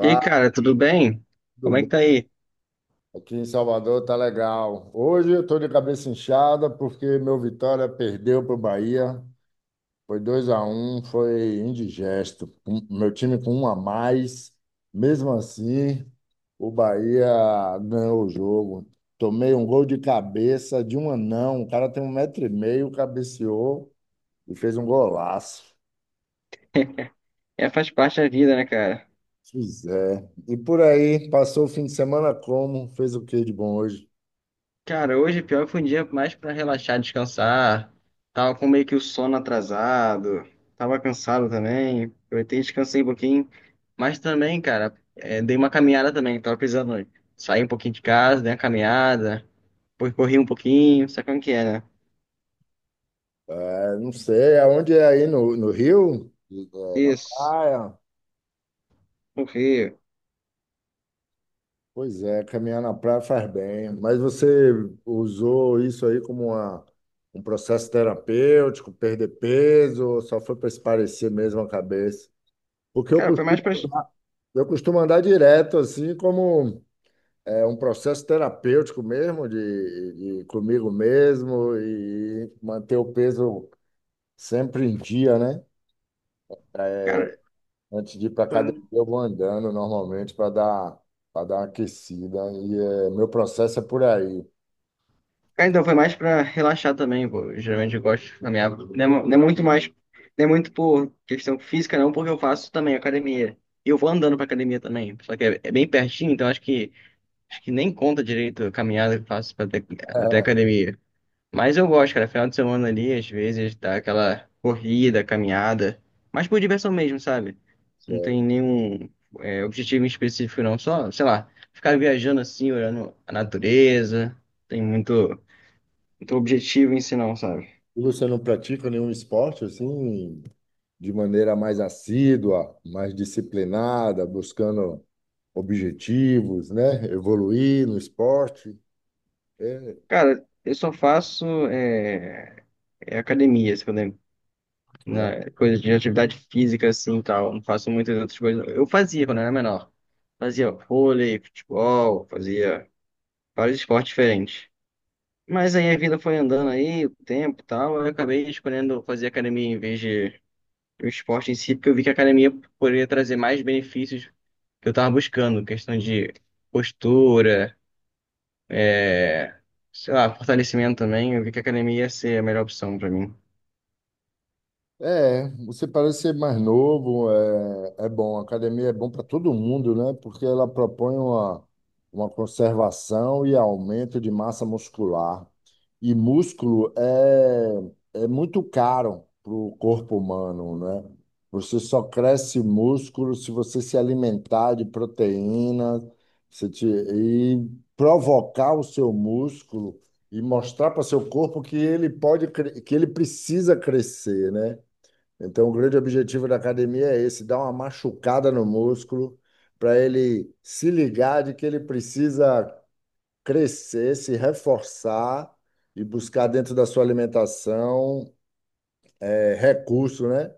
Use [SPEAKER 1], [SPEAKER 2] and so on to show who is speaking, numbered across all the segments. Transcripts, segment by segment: [SPEAKER 1] E aí, cara, tudo bem?
[SPEAKER 2] tudo
[SPEAKER 1] Como é que
[SPEAKER 2] bom?
[SPEAKER 1] tá aí?
[SPEAKER 2] Aqui em Salvador tá legal. Hoje eu tô de cabeça inchada porque meu Vitória perdeu pro Bahia. Foi 2-1, foi indigesto. Meu time com um a mais. Mesmo assim, o Bahia ganhou o jogo. Tomei um gol de cabeça de um anão. O cara tem 1,5 m, cabeceou e fez um golaço.
[SPEAKER 1] É, faz parte da vida, né, cara?
[SPEAKER 2] Pois é. E por aí, passou o fim de semana como? Fez o que de bom hoje?
[SPEAKER 1] Cara, hoje pior que foi um dia mais pra relaxar, descansar. Tava com meio que o sono atrasado, tava cansado também. Aproveitei, e descansei um pouquinho. Mas também, cara, dei uma caminhada também, tava precisando sair um pouquinho de casa, dei uma caminhada, depois corri um pouquinho, sabe como que é, né?
[SPEAKER 2] É, não sei, aonde é aí no Rio? É, na
[SPEAKER 1] Isso,
[SPEAKER 2] praia?
[SPEAKER 1] corri.
[SPEAKER 2] Pois é, caminhar na praia faz bem. Mas você usou isso aí como um processo terapêutico, perder peso, ou só foi para espairecer mesmo a cabeça? Porque eu
[SPEAKER 1] Cara, foi mais
[SPEAKER 2] costumo,
[SPEAKER 1] pra.
[SPEAKER 2] eu costumo andar direto, assim, como é, um processo terapêutico mesmo, de comigo mesmo, e manter o peso sempre em dia, né? Antes de ir para
[SPEAKER 1] Cara,
[SPEAKER 2] academia, eu vou andando normalmente para dar uma aquecida. E meu processo é por aí.
[SPEAKER 1] ah, então foi mais pra relaxar também, pô. Eu, geralmente eu gosto na minha, não é, não é muito mais, não é muito por questão física não, porque eu faço também academia. E eu vou andando pra academia também, só que é bem pertinho, então acho que nem conta direito a caminhada que eu faço pra até, até a academia. Mas eu gosto, cara, final de semana ali, às vezes dá aquela corrida, caminhada, mas por diversão mesmo, sabe? Não
[SPEAKER 2] Certo.
[SPEAKER 1] tem nenhum objetivo em específico não, só, sei lá, ficar viajando assim, olhando a natureza, tem muito objetivo em si não, sabe?
[SPEAKER 2] E você não pratica nenhum esporte assim, de maneira mais assídua, mais disciplinada, buscando objetivos, né? Evoluir no esporte. É,
[SPEAKER 1] Cara, eu só faço é academia, se eu lembro.
[SPEAKER 2] né?
[SPEAKER 1] Na, coisa de atividade física, assim, e tal. Não faço muitas outras coisas. Eu fazia quando era menor. Fazia vôlei, futebol, fazia vários esportes diferentes. Mas aí a vida foi andando aí, o tempo e tal. Eu acabei escolhendo fazer academia em vez de o esporte em si, porque eu vi que a academia poderia trazer mais benefícios que eu tava buscando. Questão de postura, é, sei lá, fortalecimento também, eu vi que a academia ia ser a melhor opção pra mim.
[SPEAKER 2] Você parece ser mais novo, é bom. A academia é bom para todo mundo, né? Porque ela propõe uma conservação e aumento de massa muscular. E músculo é muito caro para o corpo humano, né? Você só cresce músculo se você se alimentar de proteína, se te- e provocar o seu músculo e mostrar para seu corpo que ele que ele precisa crescer, né? Então, o grande objetivo da academia é esse, dar uma machucada no músculo para ele se ligar de que ele precisa crescer, se reforçar e buscar dentro da sua alimentação recurso, né,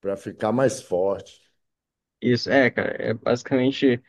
[SPEAKER 2] para ficar mais forte.
[SPEAKER 1] Isso, é, cara, é basicamente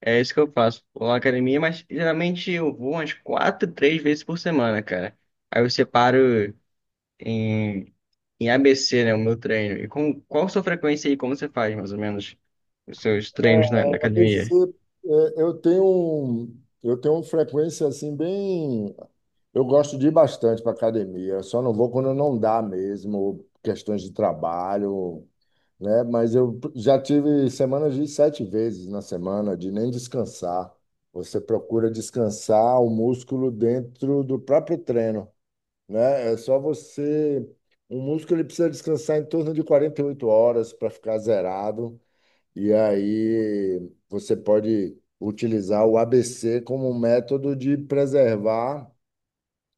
[SPEAKER 1] é isso que eu faço. Vou à academia, mas geralmente eu vou umas quatro, três vezes por semana, cara. Aí eu separo em, em ABC, né, o meu treino. E com qual sua frequência aí, como você faz, mais ou menos, os seus treinos na, na
[SPEAKER 2] ABC,
[SPEAKER 1] academia?
[SPEAKER 2] eu tenho uma frequência assim bem, eu gosto de ir bastante para academia, eu só não vou quando não dá mesmo, questões de trabalho, né? Mas eu já tive semanas de sete vezes na semana, de nem descansar. Você procura descansar o músculo dentro do próprio treino, né? É só você. O músculo ele precisa descansar em torno de 48 horas para ficar zerado, e aí você pode utilizar o ABC como um método de preservar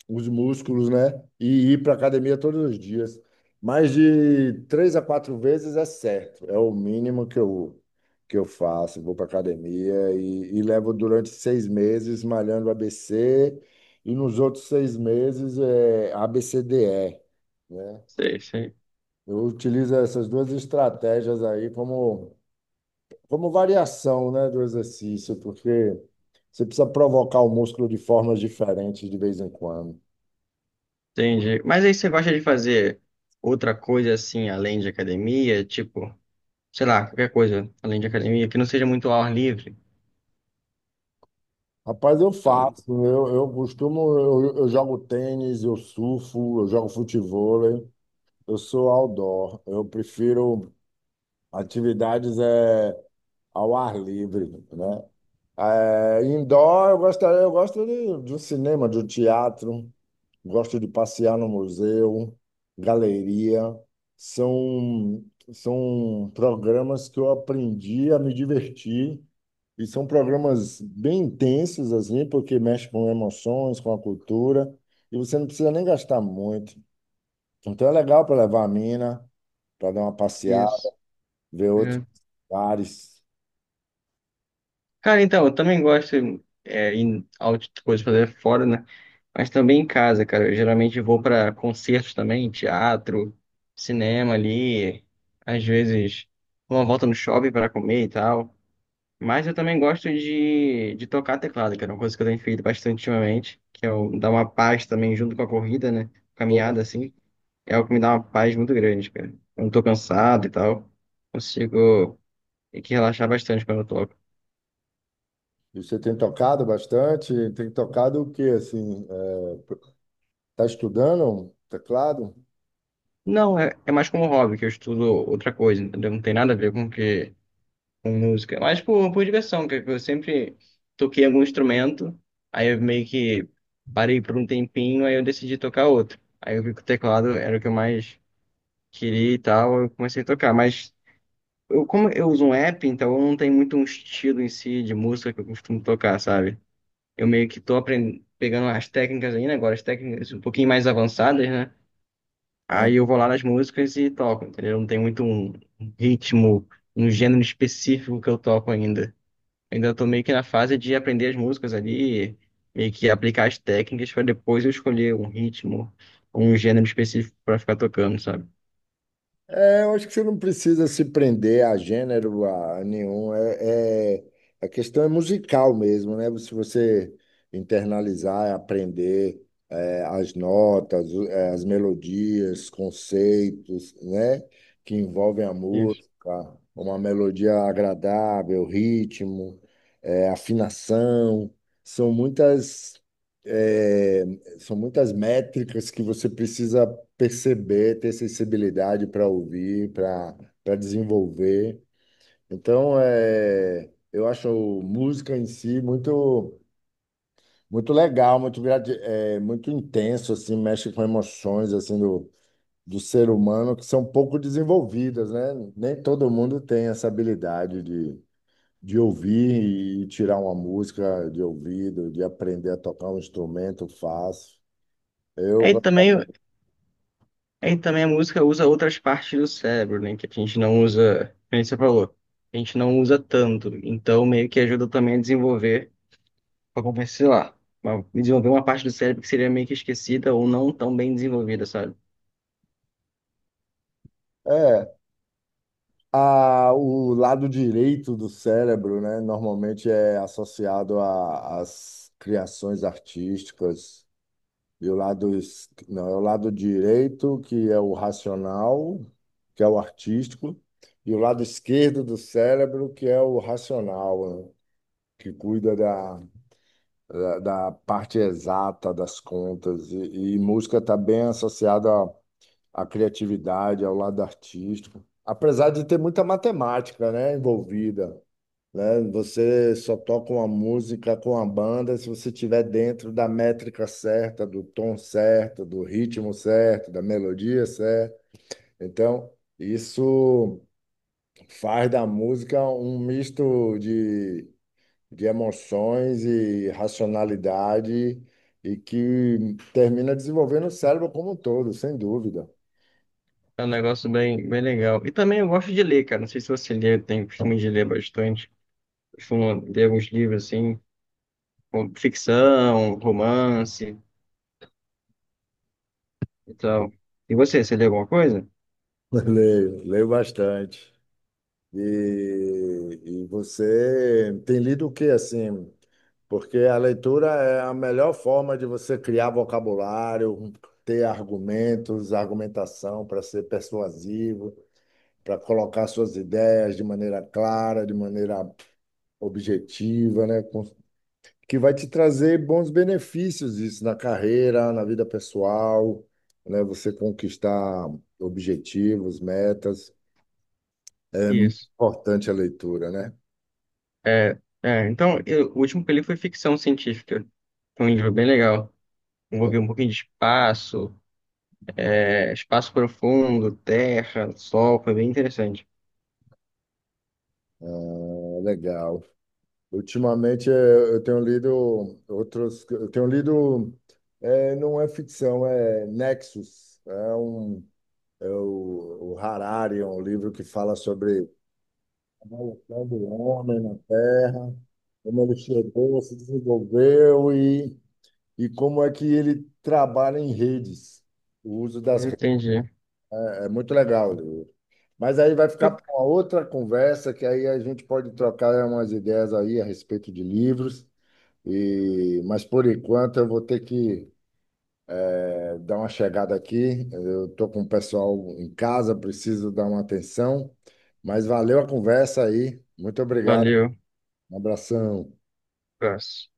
[SPEAKER 2] os músculos, né? E ir para academia todos os dias. Mais de três a quatro vezes é certo, é o mínimo que eu faço. Vou para academia e levo durante 6 meses malhando ABC e nos outros 6 meses é ABCDE, né?
[SPEAKER 1] Sei, sei.
[SPEAKER 2] Eu utilizo essas duas estratégias aí como variação, né, do exercício, porque você precisa provocar o músculo de formas diferentes de vez em quando.
[SPEAKER 1] Entendi. Mas aí você gosta de fazer outra coisa assim, além de academia, tipo, sei lá, qualquer coisa além de academia, que não seja muito ao ar livre?
[SPEAKER 2] Rapaz, eu
[SPEAKER 1] Também.
[SPEAKER 2] faço. Eu costumo, eu jogo tênis, eu surfo, eu jogo futevôlei. Eu sou outdoor. Eu prefiro atividades ao ar livre, né? Indoor, eu gosto de um cinema, de um teatro, gosto de passear no museu, galeria. São, são programas que eu aprendi a me divertir e são programas bem intensos, assim, porque mexe com emoções, com a cultura, e você não precisa nem gastar muito. Então é legal para levar a mina, para dar uma passeada,
[SPEAKER 1] Isso.
[SPEAKER 2] ver outros
[SPEAKER 1] É.
[SPEAKER 2] lugares.
[SPEAKER 1] Cara, então, eu também gosto em coisas pra fazer fora, né? Mas também em casa, cara. Eu geralmente vou pra concertos também, teatro, cinema ali. Às vezes, uma volta no shopping pra comer e tal. Mas eu também gosto de tocar teclado, que é uma coisa que eu tenho feito bastante ultimamente, que é o- dar uma paz também junto com a corrida, né? Caminhada, assim. É o que me dá uma paz muito grande, cara. Eu não tô cansado e tal. Consigo. Tem que relaxar bastante quando eu toco.
[SPEAKER 2] E você tem tocado bastante? Tem tocado o quê, assim? Tá estudando teclado?
[SPEAKER 1] Não, é mais como hobby, que eu estudo outra coisa, entendeu? Não tem nada a ver com que com música. Mas por diversão, que eu sempre toquei algum instrumento, aí eu meio que parei por um tempinho, aí eu decidi tocar outro. Aí eu vi que o teclado era o que eu mais queria e tal, eu comecei a tocar. Mas eu, como eu uso um app, então eu não tenho muito um estilo em si de música que eu costumo tocar, sabe? Eu meio que tô aprendendo, pegando as técnicas ainda agora, as técnicas um pouquinho mais avançadas, né?
[SPEAKER 2] É.
[SPEAKER 1] Aí eu vou lá nas músicas e toco, entendeu? Não tem muito um ritmo, um gênero específico que eu toco ainda. Ainda tô meio que na fase de aprender as músicas ali, meio que aplicar as técnicas para depois eu escolher um ritmo, um gênero específico para ficar tocando, sabe?
[SPEAKER 2] Eu acho que você não precisa se prender a gênero a nenhum. A questão é musical mesmo, né? Se você internalizar, aprender as notas, as melodias, conceitos, né? Que envolvem a
[SPEAKER 1] Isso.
[SPEAKER 2] música, uma melodia agradável, ritmo, afinação. São muitas, é, são muitas métricas que você precisa perceber, ter sensibilidade para ouvir, para desenvolver. Então, eu acho música em si muito muito legal, muito intenso assim, mexe com emoções assim do ser humano que são pouco desenvolvidas, né? Nem todo mundo tem essa habilidade de ouvir e tirar uma música de ouvido, de aprender a tocar um instrumento fácil. Eu
[SPEAKER 1] Aí
[SPEAKER 2] gosto
[SPEAKER 1] também, aí também a música usa outras partes do cérebro, né? Que a gente não usa, como você falou, a gente não usa tanto. Então meio que ajuda também a desenvolver pra compensar, lá, desenvolver uma parte do cérebro que seria meio que esquecida ou não tão bem desenvolvida, sabe?
[SPEAKER 2] é, a, O lado direito do cérebro, né, normalmente é associado às criações artísticas, e o lado, não, é o lado direito, que é o racional, que é o artístico, e o lado esquerdo do cérebro, que é o racional, né, que cuida da parte exata das contas. E música está bem associada à criatividade, ao lado artístico. Apesar de ter muita matemática, né, envolvida, né? Você só toca uma música com a banda se você estiver dentro da métrica certa, do tom certo, do ritmo certo, da melodia certa. Então, isso faz da música um misto de emoções e racionalidade e que termina desenvolvendo o cérebro como um todo, sem dúvida.
[SPEAKER 1] É um negócio bem legal. E também eu gosto de ler, cara. Não sei se você lê, eu tenho costume de ler bastante. Costumo ler alguns livros assim, como ficção, romance e tal. E você, você lê alguma coisa?
[SPEAKER 2] Leio, leio bastante. E você tem lido o que assim? Porque a leitura é a melhor forma de você criar vocabulário, ter argumentos, argumentação para ser persuasivo, para colocar suas ideias de maneira clara, de maneira objetiva, né? Que vai te trazer bons benefícios isso na carreira, na vida pessoal, né? Você conquistar objetivos, metas. É muito
[SPEAKER 1] Isso.
[SPEAKER 2] importante a leitura, né?
[SPEAKER 1] Então, eu- o último que eu li foi ficção científica. Foi um livro bem legal. Envolvia um pouquinho de espaço, espaço profundo, terra, sol. Foi bem interessante.
[SPEAKER 2] É legal. Ultimamente eu tenho lido outros, eu tenho lido, eh, não é ficção, é Nexus, é o Harari, é um livro que fala sobre a evolução do homem na Terra, como ele chegou, se desenvolveu e como é que ele trabalha em redes, o uso das redes.
[SPEAKER 1] Entendi.
[SPEAKER 2] É muito legal. Mas aí vai ficar para uma outra conversa, que aí a gente pode trocar umas ideias aí a respeito de livros. E, mas por enquanto eu vou ter que dar uma chegada aqui. Eu estou com o pessoal em casa, preciso dar uma atenção. Mas valeu a conversa aí. Muito obrigado.
[SPEAKER 1] Valeu,
[SPEAKER 2] Um abração.
[SPEAKER 1] abraço.